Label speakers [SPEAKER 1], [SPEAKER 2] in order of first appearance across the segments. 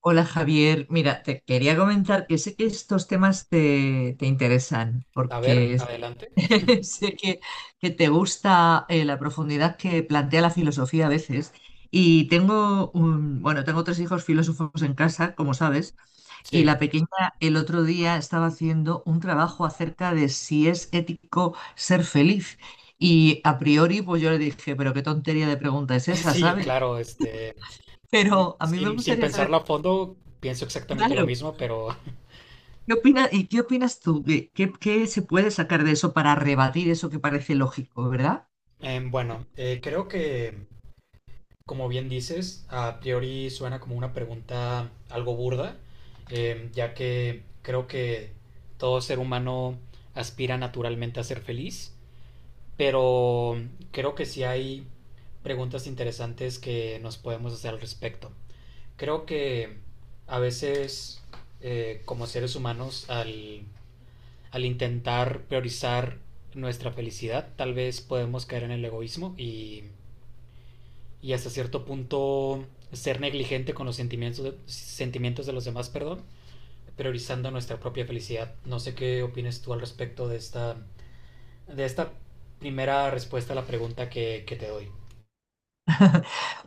[SPEAKER 1] Hola Javier, mira, te quería comentar que sé que estos temas te interesan,
[SPEAKER 2] A ver,
[SPEAKER 1] porque
[SPEAKER 2] adelante.
[SPEAKER 1] sé que te gusta la profundidad que plantea la filosofía a veces. Y tengo un, bueno, tengo tres hijos filósofos en casa, como sabes, y la
[SPEAKER 2] Sí,
[SPEAKER 1] pequeña el otro día estaba haciendo un trabajo acerca de si es ético ser feliz. Y a priori, pues yo le dije, pero qué tontería de pregunta es esa,
[SPEAKER 2] sí,
[SPEAKER 1] ¿sabes?
[SPEAKER 2] claro,
[SPEAKER 1] Pero a mí me
[SPEAKER 2] sin
[SPEAKER 1] gustaría
[SPEAKER 2] pensarlo
[SPEAKER 1] saber,
[SPEAKER 2] a fondo, pienso exactamente lo
[SPEAKER 1] claro.
[SPEAKER 2] mismo, pero
[SPEAKER 1] ¿Qué opinas, y qué opinas tú? ¿Qué, qué se puede sacar de eso para rebatir eso que parece lógico, verdad?
[SPEAKER 2] bueno, creo que, como bien dices, a priori suena como una pregunta algo burda, ya que creo que todo ser humano aspira naturalmente a ser feliz, pero creo que sí hay preguntas interesantes que nos podemos hacer al respecto. Creo que a veces como seres humanos al intentar priorizar nuestra felicidad tal vez podemos caer en el egoísmo y hasta cierto punto ser negligente con los sentimientos de los demás, perdón, priorizando nuestra propia felicidad. No sé qué opinas tú al respecto de esta primera respuesta a la pregunta que te doy.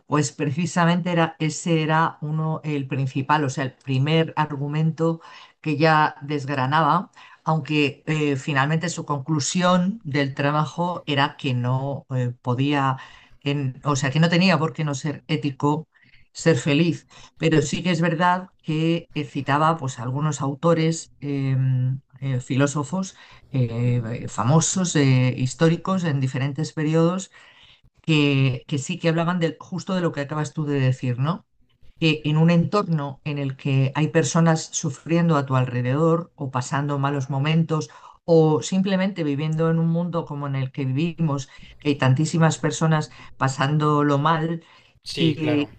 [SPEAKER 1] Pues precisamente era, ese era uno, el principal, o sea, el primer argumento que ya desgranaba, aunque finalmente su conclusión del trabajo era que no podía, o sea, que no tenía por qué no ser ético ser feliz. Pero sí que es verdad que citaba pues, a algunos autores, filósofos famosos, históricos en diferentes periodos que sí que hablaban de, justo de lo que acabas tú de decir, ¿no? Que en un entorno en el que hay personas sufriendo a tu alrededor o pasando malos momentos o simplemente viviendo en un mundo como en el que vivimos, que hay tantísimas personas pasándolo mal,
[SPEAKER 2] Sí,
[SPEAKER 1] y
[SPEAKER 2] claro.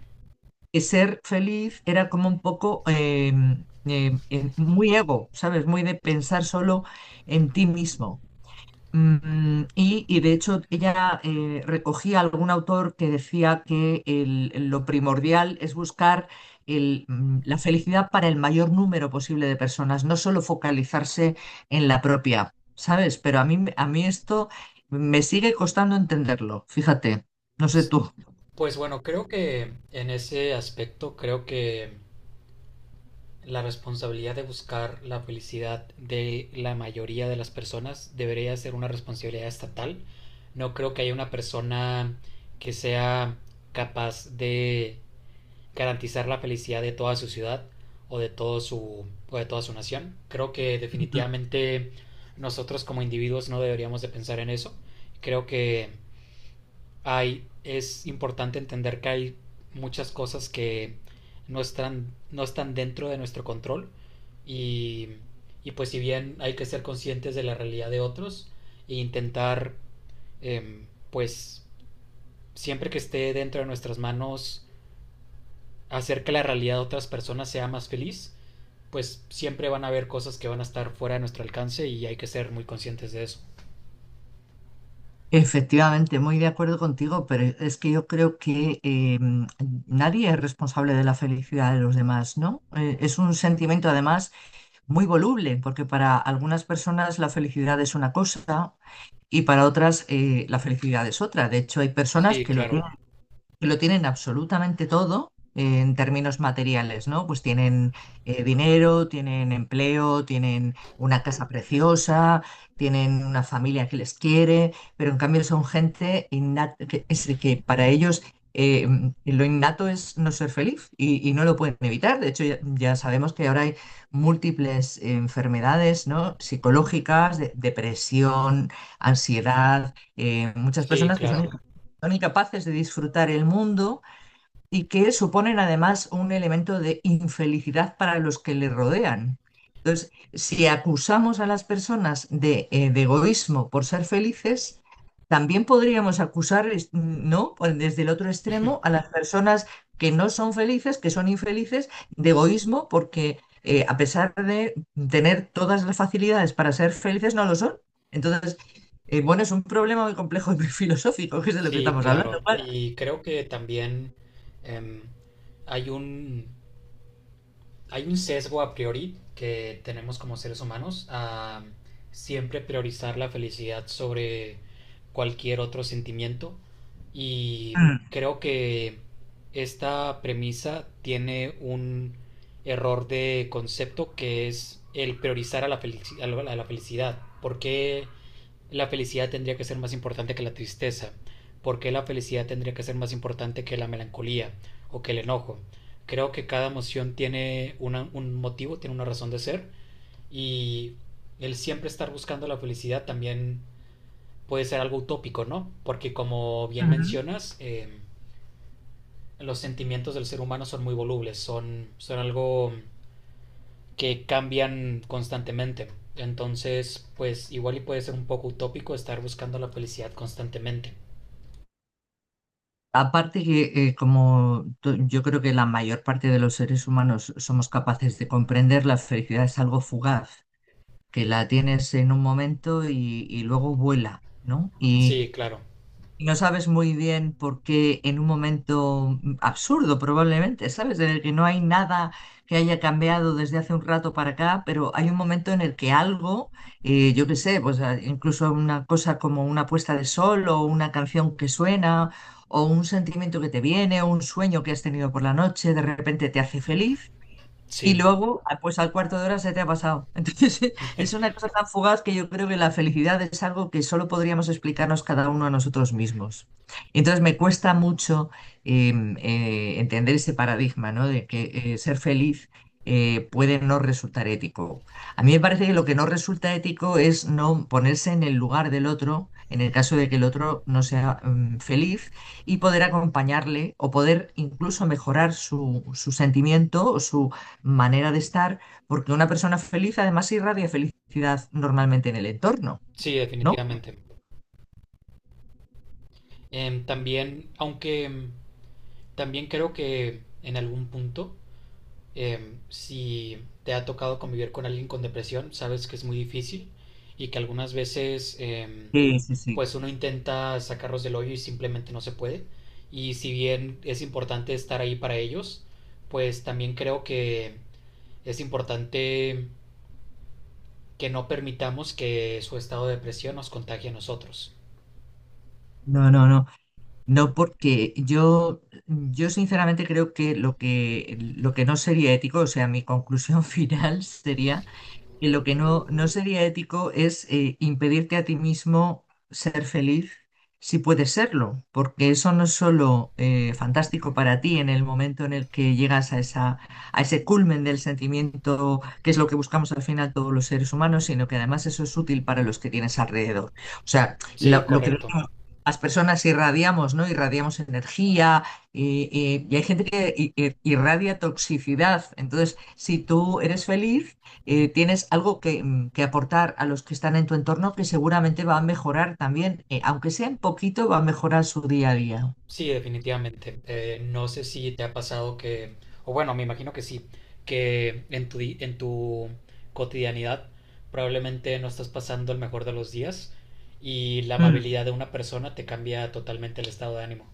[SPEAKER 1] que ser feliz era como un poco muy ego, ¿sabes? Muy de pensar solo en ti mismo. Mm, y de hecho ella recogía algún autor que decía que lo primordial es buscar el, mm, la felicidad para el mayor número posible de personas, no solo focalizarse en la propia, ¿sabes? Pero a mí, a mí esto me sigue costando entenderlo, fíjate, no sé tú.
[SPEAKER 2] Pues bueno, creo que en ese aspecto, creo que la responsabilidad de buscar la felicidad de la mayoría de las personas debería ser una responsabilidad estatal. No creo que haya una persona que sea capaz de garantizar la felicidad de toda su ciudad o de, todo su, o de toda su nación. Creo que definitivamente nosotros como individuos no deberíamos de pensar en eso. Creo que es importante entender que hay muchas cosas que no están dentro de nuestro control y, y pues si bien hay que ser conscientes de la realidad de otros e intentar eh, pues siempre que esté dentro de nuestras manos hacer que la realidad de otras personas sea más feliz, pues siempre van a haber cosas que van a estar fuera de nuestro alcance y hay que ser muy conscientes de eso.
[SPEAKER 1] Efectivamente, muy de acuerdo contigo, pero es que yo creo que nadie es responsable de la felicidad de los demás, ¿no? Es un sentimiento además muy voluble, porque para algunas personas la felicidad es una cosa y para otras la felicidad es otra. De hecho, hay personas
[SPEAKER 2] Sí, claro,
[SPEAKER 1] que lo tienen absolutamente todo en términos materiales, ¿no? Pues tienen dinero, tienen empleo, tienen una casa preciosa, tienen una familia que les quiere, pero en cambio son gente innata, que, es de que para ellos eh, lo innato es no ser feliz y no lo pueden evitar. De hecho, ya, ya sabemos que ahora hay múltiples enfermedades, ¿no? Psicológicas, depresión, ansiedad, muchas
[SPEAKER 2] sí,
[SPEAKER 1] personas que
[SPEAKER 2] claro.
[SPEAKER 1] son incapaces de disfrutar el mundo y que suponen además un elemento de infelicidad para los que le rodean. Entonces, si acusamos a las personas de egoísmo por ser felices, también podríamos acusar, ¿no? Pues desde el otro extremo a las personas que no son felices, que son infelices, de egoísmo porque a pesar de tener todas las facilidades para ser felices, no lo son. Entonces, bueno, es un problema muy complejo y muy filosófico, que es de lo que
[SPEAKER 2] Sí,
[SPEAKER 1] estamos hablando.
[SPEAKER 2] claro.
[SPEAKER 1] ¿Vale?
[SPEAKER 2] Y creo que también em, hay un, hay un sesgo a priori que tenemos como seres humanos a siempre priorizar la felicidad sobre cualquier otro sentimiento. Y creo que esta premisa tiene un error de concepto que es el priorizar a la a la a la felicidad. ¿Por qué la felicidad tendría que ser más importante que la tristeza, por qué la felicidad tendría que ser más importante que la melancolía o que el enojo? Creo que cada emoción tiene un motivo, tiene una razón de ser y el siempre estar buscando la felicidad también puede ser algo utópico, ¿no? Porque como bien mencionas, los sentimientos del ser humano son muy volubles, son algo que cambian constantemente. Entonces, pues igual y puede ser un poco utópico estar buscando la felicidad constantemente.
[SPEAKER 1] Aparte que como yo creo que la mayor parte de los seres humanos somos capaces de comprender, la felicidad es algo fugaz, que la tienes en un momento y luego vuela, ¿no?
[SPEAKER 2] Sí, claro.
[SPEAKER 1] Y no sabes muy bien por qué en un momento mm, absurdo probablemente, ¿sabes? En el que no hay nada que haya cambiado desde hace un rato para acá, pero hay un momento en el que algo, yo qué sé, pues ah, incluso una cosa como una puesta de sol o una canción que suena o un sentimiento que te viene o un sueño que has tenido por la noche, de repente te hace feliz y
[SPEAKER 2] Sí,
[SPEAKER 1] luego, ah, pues al cuarto de hora se te ha pasado. Entonces, es una cosa tan fugaz que yo creo que la felicidad es algo que solo podríamos explicarnos cada uno a nosotros mismos. Entonces, me cuesta mucho eh, entender ese paradigma, ¿no? De que ser feliz puede no resultar ético. A mí me parece que lo que no resulta ético es no ponerse en el lugar del otro, en el caso de que el otro no sea mm, feliz y poder acompañarle o poder incluso mejorar su, su sentimiento o su, manera de estar, porque una persona feliz además irradia felicidad normalmente en el entorno,
[SPEAKER 2] sí,
[SPEAKER 1] ¿no?
[SPEAKER 2] definitivamente. También, aunque también creo que en algún punto, si te ha tocado convivir con alguien con depresión, sabes que es muy difícil y que algunas veces,
[SPEAKER 1] Sí, sí, sí.
[SPEAKER 2] pues uno intenta sacarlos del hoyo y simplemente no se puede. Y si bien es importante estar ahí para ellos, pues también creo que es importante que no permitamos que su estado de depresión nos contagie a nosotros.
[SPEAKER 1] No, no, no. No, porque yo sinceramente creo que lo que, lo que no sería ético, o sea, mi conclusión final sería. Y lo que no, no sería ético es impedirte a ti mismo ser feliz si puedes serlo, porque eso no es solo fantástico para ti en el momento en el que llegas a esa, a ese culmen del sentimiento, que es lo que buscamos al final todos los seres humanos, sino que además eso es útil para los que tienes alrededor. O sea,
[SPEAKER 2] Sí,
[SPEAKER 1] lo que
[SPEAKER 2] correcto.
[SPEAKER 1] las personas irradiamos, ¿no? Irradiamos energía y, y hay gente que irradia toxicidad. Entonces, si tú eres feliz, tienes algo que, mm, que aportar a los que están en tu entorno que seguramente va a mejorar también, aunque sea un poquito, va a mejorar su día a día.
[SPEAKER 2] Sí, definitivamente. No sé si te ha pasado que, o bueno, me imagino que sí, que en en tu cotidianidad probablemente no estás pasando el mejor de los días y la
[SPEAKER 1] Mm.
[SPEAKER 2] amabilidad de una persona te cambia totalmente el estado de ánimo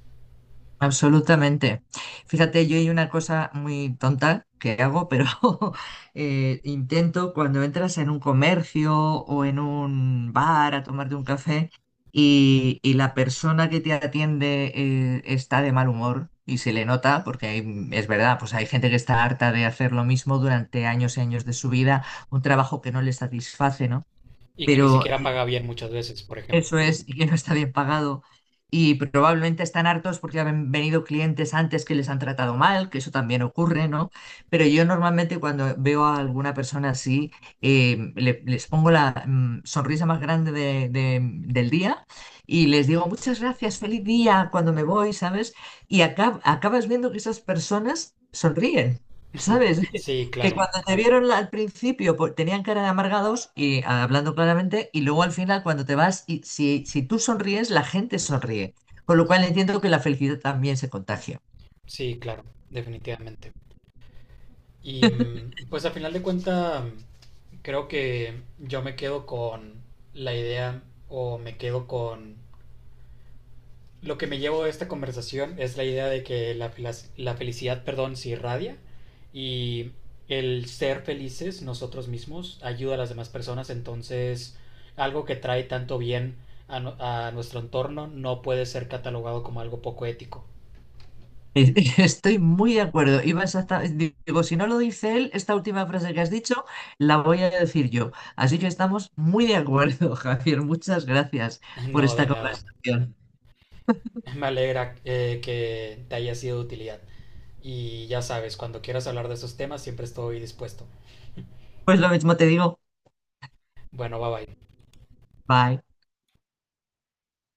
[SPEAKER 1] Absolutamente. Fíjate, yo hay una cosa muy tonta que hago, pero intento cuando entras en un comercio o en un bar a tomarte un café y la persona que te atiende está de mal humor y se le nota, porque es verdad, pues hay gente que está harta de hacer lo mismo durante años y años de su vida, un trabajo que no le satisface, ¿no?
[SPEAKER 2] y que ni
[SPEAKER 1] Pero
[SPEAKER 2] siquiera paga bien muchas veces, por ejemplo.
[SPEAKER 1] eso es, y que no está bien pagado. Y probablemente están hartos porque han venido clientes antes que les han tratado mal, que eso también ocurre, ¿no? Pero yo normalmente cuando veo a alguna persona así, les pongo la mm, sonrisa más grande del día y les digo, muchas gracias, feliz día cuando me voy, ¿sabes? Y acabas viendo que esas personas sonríen, ¿sabes?
[SPEAKER 2] Sí,
[SPEAKER 1] Que
[SPEAKER 2] claro,
[SPEAKER 1] cuando te vieron al principio pues, tenían cara de amargados y ah, hablando claramente, y luego al final cuando te vas, y si, si tú sonríes, la gente sonríe. Con lo cual entiendo que la felicidad también se contagia.
[SPEAKER 2] sí, claro, definitivamente. Y pues al final de cuentas, creo que yo me quedo con la idea o me quedo con lo que me llevo de esta conversación es la idea de que la felicidad, perdón, se irradia y el ser felices nosotros mismos ayuda a las demás personas, entonces algo que trae tanto bien a nuestro entorno no puede ser catalogado como algo poco ético.
[SPEAKER 1] Eh, estoy muy de acuerdo. Digo, si no lo dice él, esta última frase que has dicho, la voy a decir yo. Así que estamos muy de acuerdo, Javier. Muchas gracias por
[SPEAKER 2] No,
[SPEAKER 1] esta
[SPEAKER 2] de nada.
[SPEAKER 1] conversación.
[SPEAKER 2] Me alegra que te haya sido de utilidad. Y ya sabes, cuando quieras hablar de esos temas siempre estoy dispuesto.
[SPEAKER 1] Pues lo mismo te digo.
[SPEAKER 2] Bueno, bye bye.
[SPEAKER 1] Bye.